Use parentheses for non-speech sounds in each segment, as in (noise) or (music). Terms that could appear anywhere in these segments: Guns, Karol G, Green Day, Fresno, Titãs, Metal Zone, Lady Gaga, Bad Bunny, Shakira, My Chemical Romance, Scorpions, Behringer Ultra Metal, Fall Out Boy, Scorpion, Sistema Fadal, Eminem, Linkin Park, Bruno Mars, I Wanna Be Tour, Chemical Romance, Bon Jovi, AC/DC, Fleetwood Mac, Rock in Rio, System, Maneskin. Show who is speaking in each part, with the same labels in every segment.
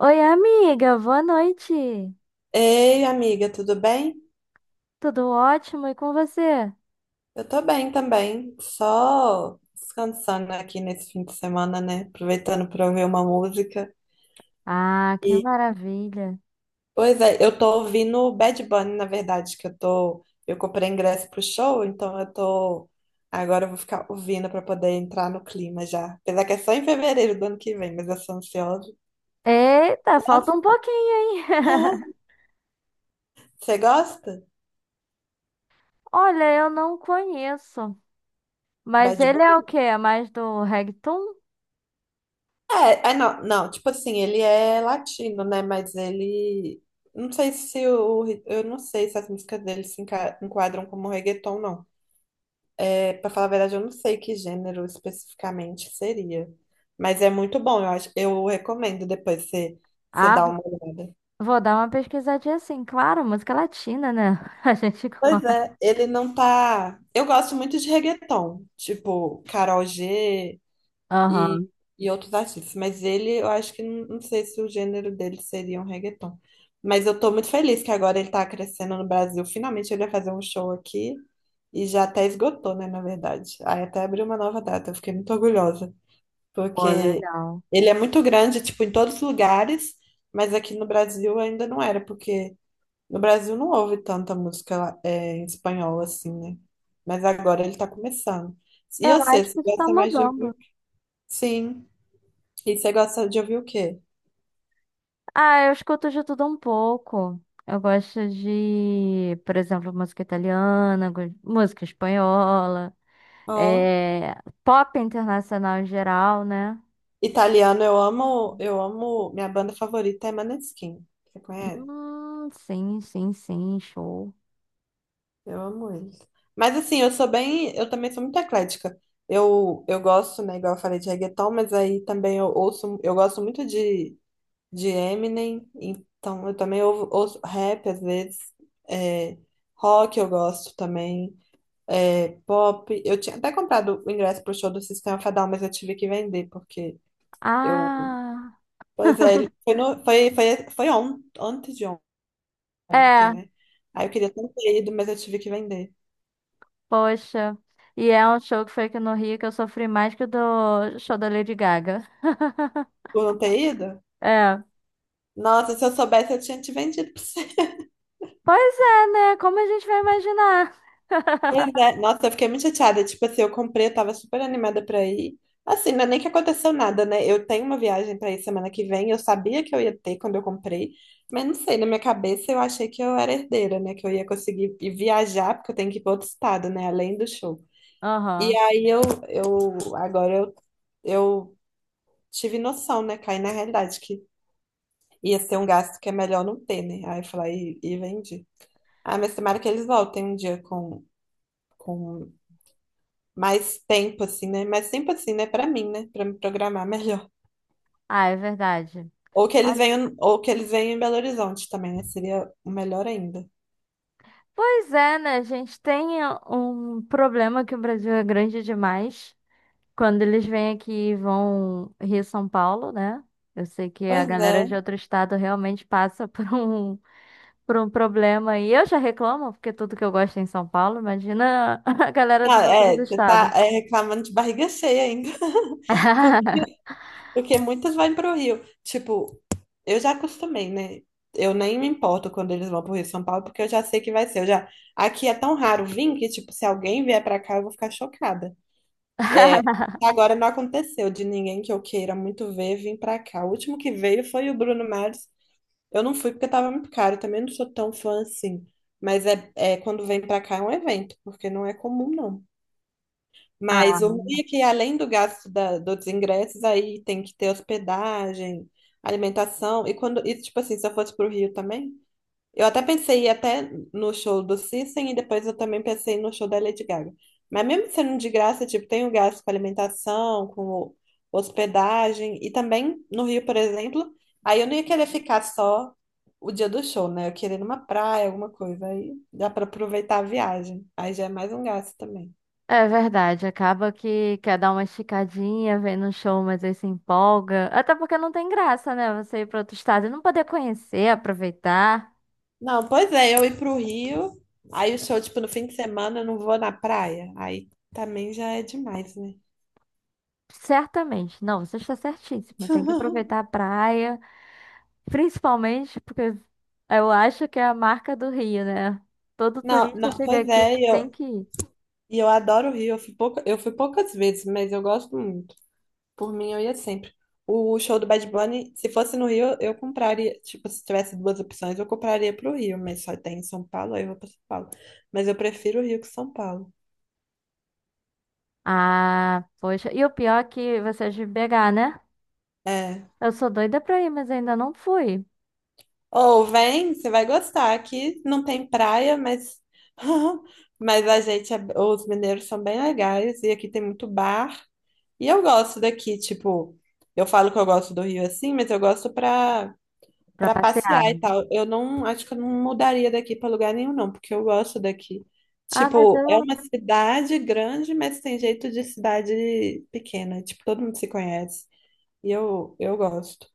Speaker 1: Oi, amiga, boa noite.
Speaker 2: Ei, amiga, tudo bem?
Speaker 1: Tudo ótimo e com você?
Speaker 2: Eu tô bem também, só descansando aqui nesse fim de semana, né? Aproveitando pra ouvir uma música.
Speaker 1: Ah, que
Speaker 2: E,
Speaker 1: maravilha.
Speaker 2: Pois é, eu tô ouvindo Bad Bunny, na verdade, eu comprei ingresso pro show, agora eu vou ficar ouvindo pra poder entrar no clima já. Apesar que é só em fevereiro do ano que vem, mas eu sou ansiosa.
Speaker 1: Eita, falta
Speaker 2: Nossa.
Speaker 1: um pouquinho, hein? (laughs)
Speaker 2: (laughs) Você gosta?
Speaker 1: Olha, eu não conheço. Mas
Speaker 2: Bad
Speaker 1: ele é o
Speaker 2: Bunny?
Speaker 1: quê? É mais do reggaeton?
Speaker 2: É, não, não, tipo assim, ele é latino, né? Mas ele. Não sei se o. Eu não sei se as músicas dele se enquadram como reggaeton, não. Pra falar a verdade, eu não sei que gênero especificamente seria. Mas é muito bom, eu acho, eu recomendo depois você
Speaker 1: Ah,
Speaker 2: dar uma olhada.
Speaker 1: vou dar uma pesquisadinha assim. Claro, música latina, né? (laughs) A gente
Speaker 2: Pois
Speaker 1: gosta.
Speaker 2: é, ele não tá. Eu gosto muito de reggaeton, tipo Karol G. e,
Speaker 1: Aham.
Speaker 2: e outros artistas. Mas ele, eu acho que não, não sei se o gênero dele seria um reggaeton. Mas eu tô muito feliz que agora ele tá crescendo no Brasil. Finalmente ele vai fazer um show aqui e já até esgotou, né, na verdade. Aí até abriu uma nova data, eu fiquei muito orgulhosa,
Speaker 1: Pô,
Speaker 2: porque
Speaker 1: legal.
Speaker 2: ele é muito grande, tipo, em todos os lugares, mas aqui no Brasil ainda não era, porque no Brasil não houve tanta música em espanhol assim, né? Mas agora ele tá começando. E eu
Speaker 1: Eu
Speaker 2: sei,
Speaker 1: acho que
Speaker 2: se
Speaker 1: isso tá
Speaker 2: gosta mais de
Speaker 1: mudando.
Speaker 2: ouvir, sim. E você gosta de ouvir o quê?
Speaker 1: Ah, eu escuto de tudo um pouco. Eu gosto de, por exemplo, música italiana, música espanhola,
Speaker 2: Ó,
Speaker 1: eh, pop internacional em geral, né?
Speaker 2: italiano, eu amo, minha banda favorita é Maneskin. Você conhece?
Speaker 1: Sim, show.
Speaker 2: Eu amo eles. Mas assim, eu também sou muito eclética. Eu gosto, né, igual eu falei de reggaeton, mas aí também eu ouço, eu gosto muito de Eminem, então eu também ouço rap às vezes, é, rock eu gosto também, pop. Eu tinha até comprado o ingresso pro show do Sistema Fadal, mas eu tive que vender, porque eu
Speaker 1: Ah,
Speaker 2: pois
Speaker 1: (laughs)
Speaker 2: é, ele foi, no, foi, foi, foi on, antes de ontem,
Speaker 1: é,
Speaker 2: né? Aí eu queria tanto ter ido, mas eu tive que vender.
Speaker 1: poxa. E é um show que foi aqui no Rio que eu sofri mais que o do show da Lady Gaga. (laughs)
Speaker 2: Por não ter ido?
Speaker 1: É.
Speaker 2: Nossa, se eu soubesse, eu tinha te vendido pra você. (laughs)
Speaker 1: Pois é, né? Como a gente vai imaginar?
Speaker 2: Pois
Speaker 1: (laughs)
Speaker 2: é, nossa, eu fiquei muito chateada. Tipo assim, eu comprei, eu tava super animada pra ir. Assim, não é nem que aconteceu nada, né? Eu tenho uma viagem pra ir semana que vem, eu sabia que eu ia ter quando eu comprei, mas não sei, na minha cabeça eu achei que eu era herdeira, né? Que eu ia conseguir ir viajar, porque eu tenho que ir pra outro estado, né? Além do show. E
Speaker 1: Aham.
Speaker 2: aí eu agora eu. Eu tive noção, né? Caí na realidade que ia ser um gasto que é melhor não ter, né? Aí eu falei, e vendi. Ah, mas tomara que eles voltem um dia com mais tempo, assim, né? Mais tempo assim, né? Pra mim, né? Pra me programar melhor.
Speaker 1: Ah, é verdade.
Speaker 2: Ou que eles venham em Belo Horizonte também, né? Seria o melhor ainda.
Speaker 1: Pois é, né? A gente tem um problema que o Brasil é grande demais. Quando eles vêm aqui e vão Rio São Paulo, né? Eu sei que a
Speaker 2: Pois
Speaker 1: galera de
Speaker 2: é.
Speaker 1: outro estado realmente passa (laughs) por um problema. E eu já reclamo, porque tudo que eu gosto é em São Paulo, imagina (laughs) a galera
Speaker 2: Ah,
Speaker 1: dos outros
Speaker 2: é, você tá
Speaker 1: estados.
Speaker 2: é, reclamando de barriga cheia ainda.
Speaker 1: (laughs)
Speaker 2: (laughs) Porque muitas vão pro Rio. Tipo, eu já acostumei, né? Eu nem me importo quando eles vão pro Rio de São Paulo, porque eu já sei que vai ser. Eu já. Aqui é tão raro vir que, tipo, se alguém vier pra cá, eu vou ficar chocada. É, Agora não aconteceu de ninguém que eu queira muito ver vir pra cá. O último que veio foi o Bruno Mars. Eu não fui porque tava muito caro. Eu também não sou tão fã assim. Mas é quando vem pra cá é um evento, porque não é comum, não.
Speaker 1: Ah.
Speaker 2: Mas o ruim é que além do gasto dos ingressos, aí tem que ter hospedagem, alimentação. E tipo assim, se eu fosse pro Rio também, eu até pensei em ir até no show do System e depois eu também pensei no show da Lady Gaga. Mas mesmo sendo de graça, tipo, tem o gasto com alimentação, com hospedagem, e também no Rio, por exemplo, aí eu não ia querer ficar só o dia do show, né? Eu queria ir numa praia, alguma coisa, aí dá para aproveitar a viagem. Aí já é mais um gasto também.
Speaker 1: É verdade, acaba que quer dar uma esticadinha, vem no show, mas aí se empolga. Até porque não tem graça, né? Você ir para outro estado e não poder conhecer, aproveitar.
Speaker 2: Não, pois é, eu ir pro Rio, aí o show, tipo, no fim de semana eu não vou na praia, aí também já é demais, né?
Speaker 1: Certamente. Não, você está certíssima. Tem que aproveitar a praia, principalmente porque eu acho que é a marca do Rio, né? Todo
Speaker 2: Não, não,
Speaker 1: turista chega
Speaker 2: pois
Speaker 1: aqui
Speaker 2: é, e
Speaker 1: tem
Speaker 2: eu,
Speaker 1: que ir.
Speaker 2: e eu adoro o Rio, eu fui poucas vezes, mas eu gosto muito. Por mim, eu ia sempre. O show do Bad Bunny, se fosse no Rio, eu compraria, tipo, se tivesse duas opções, eu compraria pro Rio, mas só tem em São Paulo, aí eu vou pra São Paulo. Mas eu prefiro o Rio que São Paulo.
Speaker 1: Ah, poxa. E o pior é que você é de BH, né?
Speaker 2: É.
Speaker 1: Eu sou doida pra ir, mas ainda não fui
Speaker 2: Ou vem, você vai gostar. Aqui não tem praia, mas (laughs) os mineiros são bem legais e aqui tem muito bar. E eu gosto daqui, tipo, eu falo que eu gosto do Rio assim, mas eu gosto pra
Speaker 1: pra
Speaker 2: para passear
Speaker 1: passear,
Speaker 2: e
Speaker 1: né?
Speaker 2: tal. Eu não, Acho que eu não mudaria daqui pra lugar nenhum não, porque eu gosto daqui.
Speaker 1: Ah, mas
Speaker 2: Tipo, é
Speaker 1: eu
Speaker 2: uma cidade grande, mas tem jeito de cidade pequena, tipo, todo mundo se conhece. E eu gosto.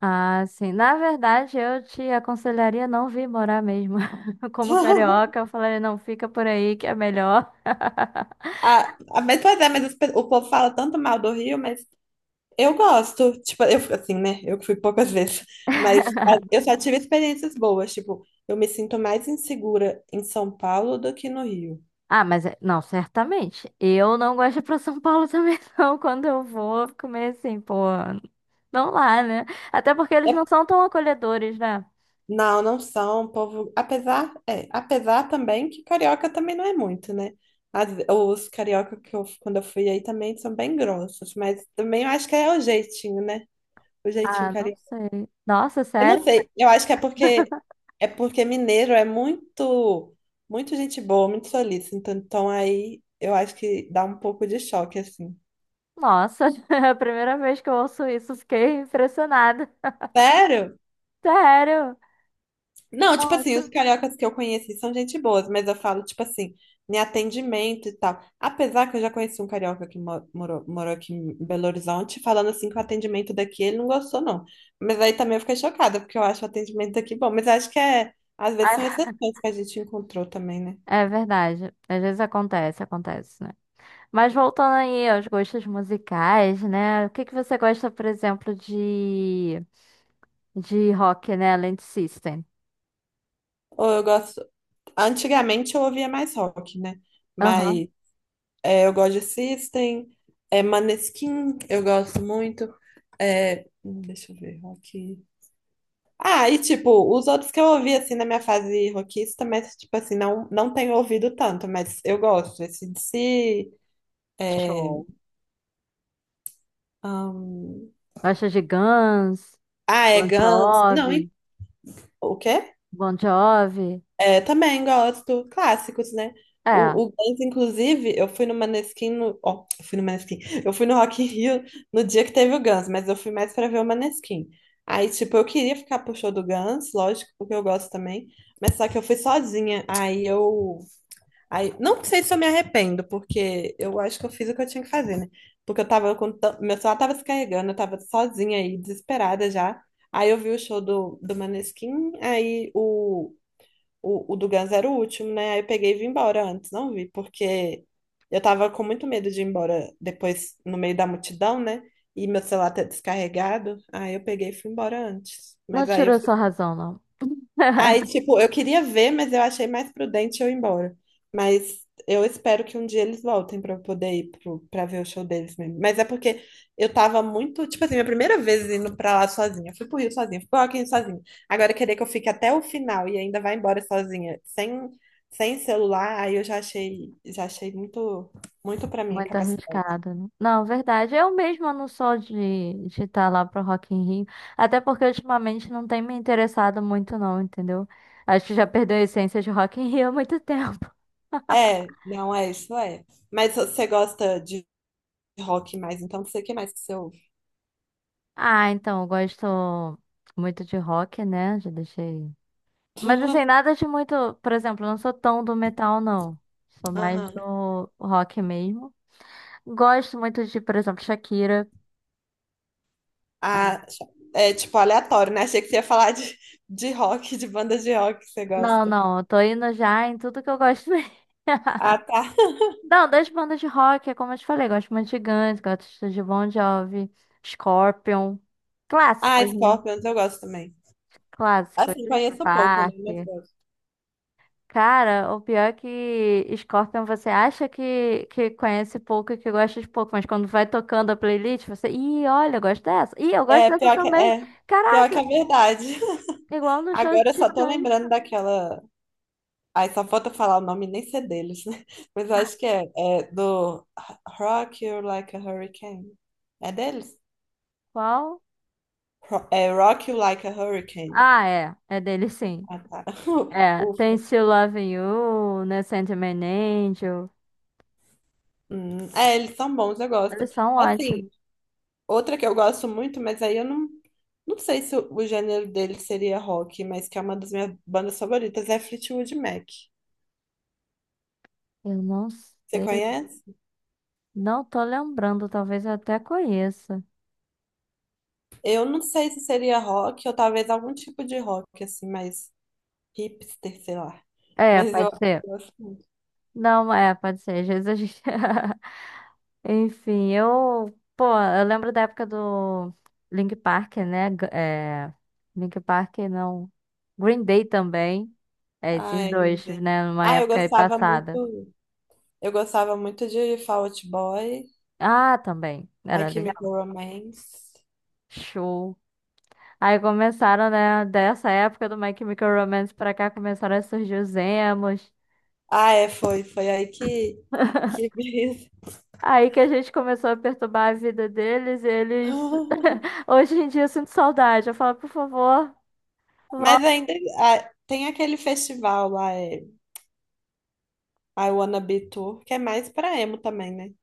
Speaker 1: Ah, sim. Na verdade, eu te aconselharia não vir morar mesmo. (laughs) Como
Speaker 2: (laughs)
Speaker 1: carioca, eu falaria, não, fica por aí que é melhor.
Speaker 2: Ah, mas pois é, mas o povo fala tanto mal do Rio, mas eu gosto. Tipo, eu fico assim, né? Eu que fui poucas (laughs) vezes, mas ah, eu só tive experiências boas. Tipo, eu me sinto mais insegura em São Paulo do que no Rio.
Speaker 1: Ah, não, certamente. Eu não gosto de ir pra São Paulo também, (laughs) não. Quando eu vou, eu fico meio assim, pô, não lá, né? Até porque eles
Speaker 2: É-
Speaker 1: não são tão acolhedores, né?
Speaker 2: não, não são, povo. Apesar também que carioca também não é muito, né? Os carioca que eu, quando eu fui aí também são bem grossos, mas também eu acho que é o jeitinho, né? O jeitinho
Speaker 1: Ah, não sei. Nossa,
Speaker 2: Eu não
Speaker 1: sério?
Speaker 2: sei, eu acho que é porque mineiro é muito muito gente boa, muito solícito, então aí eu acho que dá um pouco de choque assim.
Speaker 1: Nossa, (laughs) é a primeira vez que eu ouço isso, fiquei impressionada.
Speaker 2: Sério?
Speaker 1: Sério?
Speaker 2: Não, tipo assim, os
Speaker 1: Nossa.
Speaker 2: cariocas que eu conheci são gente boas, mas eu falo tipo assim, em atendimento e tal. Apesar que eu já conheci um carioca que morou, morou aqui em Belo Horizonte, falando assim que o atendimento daqui ele não gostou não. Mas aí também eu fiquei chocada, porque eu acho o atendimento daqui bom, mas acho que é às vezes são
Speaker 1: Ai,
Speaker 2: exceções que a gente encontrou também, né?
Speaker 1: é verdade. Às vezes acontece, acontece. Mas voltando aí aos gostos musicais, né? O que que você gosta, por exemplo, de rock, né? Além de System.
Speaker 2: Ou eu gosto Antigamente eu ouvia mais rock, né?
Speaker 1: Aham.
Speaker 2: Mas eu gosto de System, Maneskin, eu gosto muito. Deixa eu ver, rock. Ah, e tipo, os outros que eu ouvi assim na minha fase rockista, mas tipo assim, não, não tenho ouvido tanto, mas eu gosto. AC/DC, é,
Speaker 1: Show.
Speaker 2: hum,
Speaker 1: Gosta de Guns,
Speaker 2: é
Speaker 1: Bon
Speaker 2: Guns. Não,
Speaker 1: Jovi,
Speaker 2: o quê?
Speaker 1: Bon Jovi.
Speaker 2: É, também gosto. Clássicos, né?
Speaker 1: É,
Speaker 2: O Guns, inclusive, eu fui no Maneskin. Eu fui no Rock in Rio no dia que teve o Guns, mas eu fui mais pra ver o Maneskin. Aí, tipo, eu queria ficar pro show do Guns, lógico, porque eu gosto também. Mas só que eu fui sozinha. Aí, não sei se eu me arrependo, porque eu acho que eu fiz o que eu tinha que fazer, né? Porque eu tava. Meu celular tava se carregando, eu tava sozinha aí, desesperada já. Aí eu vi o show do Maneskin, aí o do Guns era o último, né? Aí eu peguei e vim embora antes, não vi, porque eu tava com muito medo de ir embora depois no meio da multidão, né? E meu celular tá descarregado. Aí eu peguei e fui embora antes.
Speaker 1: não tirou sua razão, não.
Speaker 2: Aí,
Speaker 1: (laughs)
Speaker 2: tipo, eu queria ver, mas eu achei mais prudente eu ir embora. Mas eu espero que um dia eles voltem pra eu poder ir pro, pra ver o show deles mesmo. Mas é porque eu tava muito, tipo assim, minha primeira vez indo pra lá sozinha. Eu fui pro Rio sozinha, fui pro Rock in Rio sozinha. Agora querer que eu fique até o final e ainda vá embora sozinha, sem celular, aí eu já achei muito, muito pra minha
Speaker 1: Muito
Speaker 2: capacidade.
Speaker 1: arriscado, né? Não, verdade. Eu mesma não sou de estar lá pro Rock in Rio. Até porque ultimamente não tem me interessado muito, não, entendeu? Acho que já perdeu a essência de Rock in Rio há muito (laughs) tempo.
Speaker 2: É, não é isso, é. Mas você gosta de rock mais, então não sei o que mais que você ouve.
Speaker 1: Ah, então, eu gosto muito de rock, né? Já deixei. Mas assim,
Speaker 2: (laughs)
Speaker 1: nada de muito. Por exemplo, eu não sou tão do metal, não. Sou mais
Speaker 2: Aham.
Speaker 1: do rock mesmo. Gosto muito de, por exemplo, Shakira.
Speaker 2: Ah, é tipo aleatório, né? Achei que você ia falar de rock, de banda de rock que você
Speaker 1: Não,
Speaker 2: gosta.
Speaker 1: não, eu tô indo já em tudo que eu gosto mesmo.
Speaker 2: Ah,
Speaker 1: (laughs)
Speaker 2: tá. (laughs)
Speaker 1: Não, das bandas de rock, é como eu te falei, gosto muito de Guns, gosto de Bon Jovi, Scorpion.
Speaker 2: Ah,
Speaker 1: Clássicos, né?
Speaker 2: Scorpions eu gosto também.
Speaker 1: Clássicos.
Speaker 2: Assim,
Speaker 1: Linkin
Speaker 2: conheço pouco, né?
Speaker 1: Park.
Speaker 2: Mas gosto.
Speaker 1: Cara, o pior é que Scorpion você acha que conhece pouco e que gosta de pouco, mas quando vai tocando a playlist, você. Ih, olha, eu gosto dessa. Ih, eu gosto
Speaker 2: É,
Speaker 1: dessa
Speaker 2: pior que,
Speaker 1: também.
Speaker 2: é, Pior que
Speaker 1: Caraca,
Speaker 2: é verdade. (laughs)
Speaker 1: igual no show de
Speaker 2: Agora eu só tô
Speaker 1: Titãs.
Speaker 2: lembrando daquela. Ai, só falta falar o nome e nem ser deles, né? (laughs) Mas eu acho que é do Rock You Like a Hurricane. É deles?
Speaker 1: Qual?
Speaker 2: É Rock You Like a Hurricane.
Speaker 1: Ah, é. É dele sim.
Speaker 2: Ah, tá. (laughs)
Speaker 1: É. Tem
Speaker 2: Ufa.
Speaker 1: Still Loving You, né? Sandman Angel.
Speaker 2: Eles são bons, eu gosto.
Speaker 1: Eles são
Speaker 2: Assim,
Speaker 1: ótimos.
Speaker 2: outra que eu gosto muito, mas aí eu não, não sei se o gênero dele seria rock, mas que é uma das minhas bandas favoritas, é Fleetwood Mac.
Speaker 1: Eu não
Speaker 2: Você
Speaker 1: sei.
Speaker 2: conhece?
Speaker 1: Não tô lembrando, talvez eu até conheça.
Speaker 2: Eu não sei se seria rock ou talvez algum tipo de rock, assim, mais hipster, sei lá.
Speaker 1: É,
Speaker 2: Mas
Speaker 1: pode
Speaker 2: eu
Speaker 1: ser.
Speaker 2: gosto muito.
Speaker 1: Não, é, pode ser. Às vezes a gente. (laughs) Enfim, eu, pô, eu lembro da época do Link Park, né? Link Park não. Green Day também. É,
Speaker 2: Ah,
Speaker 1: esses
Speaker 2: é Green
Speaker 1: dois,
Speaker 2: Day.
Speaker 1: né? Numa
Speaker 2: Ah, eu
Speaker 1: época aí
Speaker 2: gostava
Speaker 1: passada.
Speaker 2: muito. Eu gostava muito de Fall Out Boy,
Speaker 1: Ah, também.
Speaker 2: A
Speaker 1: Era
Speaker 2: Chemical
Speaker 1: legal.
Speaker 2: Romance.
Speaker 1: Show. Aí começaram, né? Dessa época do My Chemical Romance pra cá, começaram a surgir os emos.
Speaker 2: Ah, é, foi. Foi aí que
Speaker 1: (laughs)
Speaker 2: (laughs) veio.
Speaker 1: Aí que a gente começou a perturbar a vida deles, e eles. (laughs) Hoje em dia eu sinto saudade. Eu falo, por favor.
Speaker 2: Mas ainda tem aquele festival lá, I Wanna Be Tour, que é mais pra emo também, né?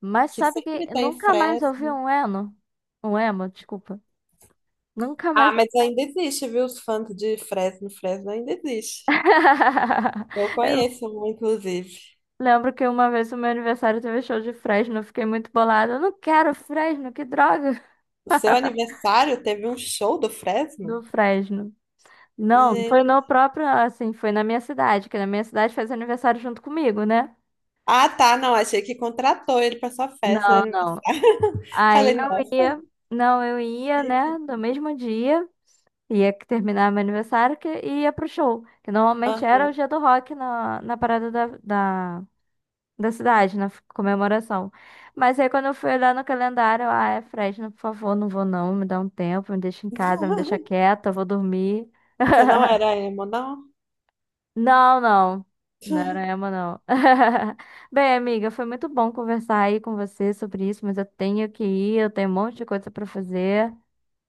Speaker 1: Mas
Speaker 2: Que
Speaker 1: sabe que
Speaker 2: sempre tem
Speaker 1: nunca mais ouvi
Speaker 2: Fresno.
Speaker 1: um eno? Um emo, desculpa. Nunca
Speaker 2: Ah,
Speaker 1: mais.
Speaker 2: mas ainda existe, viu? Os fãs de Fresno, Fresno ainda existe.
Speaker 1: (laughs)
Speaker 2: Eu
Speaker 1: Eu
Speaker 2: conheço um, inclusive.
Speaker 1: lembro que uma vez o meu aniversário teve show de Fresno, eu fiquei muito bolada. Eu não quero Fresno, que droga (laughs)
Speaker 2: O seu aniversário teve um show do
Speaker 1: do
Speaker 2: Fresno?
Speaker 1: Fresno. Não, foi
Speaker 2: Gente.
Speaker 1: no próprio, assim, foi na minha cidade, que na minha cidade fez aniversário junto comigo, né?
Speaker 2: Ah, tá, não, achei que contratou ele pra sua festa de
Speaker 1: Não, não.
Speaker 2: aniversário. (laughs)
Speaker 1: Aí
Speaker 2: Falei,
Speaker 1: eu
Speaker 2: nossa,
Speaker 1: ia, não, eu ia, né,
Speaker 2: chique.
Speaker 1: no mesmo dia. Ia que terminar meu aniversário que e ia pro show. Que normalmente
Speaker 2: Ah.
Speaker 1: era o dia do rock na parada da cidade, comemoração. Mas aí quando eu fui olhar no calendário, eu, ah, é Fresno, por favor, não vou não, me dá um tempo, me deixa em casa, me deixa
Speaker 2: (laughs)
Speaker 1: quieta, eu vou dormir.
Speaker 2: Você não era
Speaker 1: (laughs)
Speaker 2: emo, não?
Speaker 1: Não, não. Não era emo,
Speaker 2: (laughs)
Speaker 1: não. (laughs) Bem, amiga, foi muito bom conversar aí com você sobre isso, mas eu tenho que ir, eu tenho um monte de coisa pra fazer.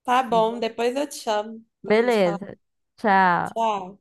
Speaker 2: Tá bom,
Speaker 1: Uhum.
Speaker 2: depois eu te chamo pra gente falar.
Speaker 1: Beleza. Tchau.
Speaker 2: Tchau.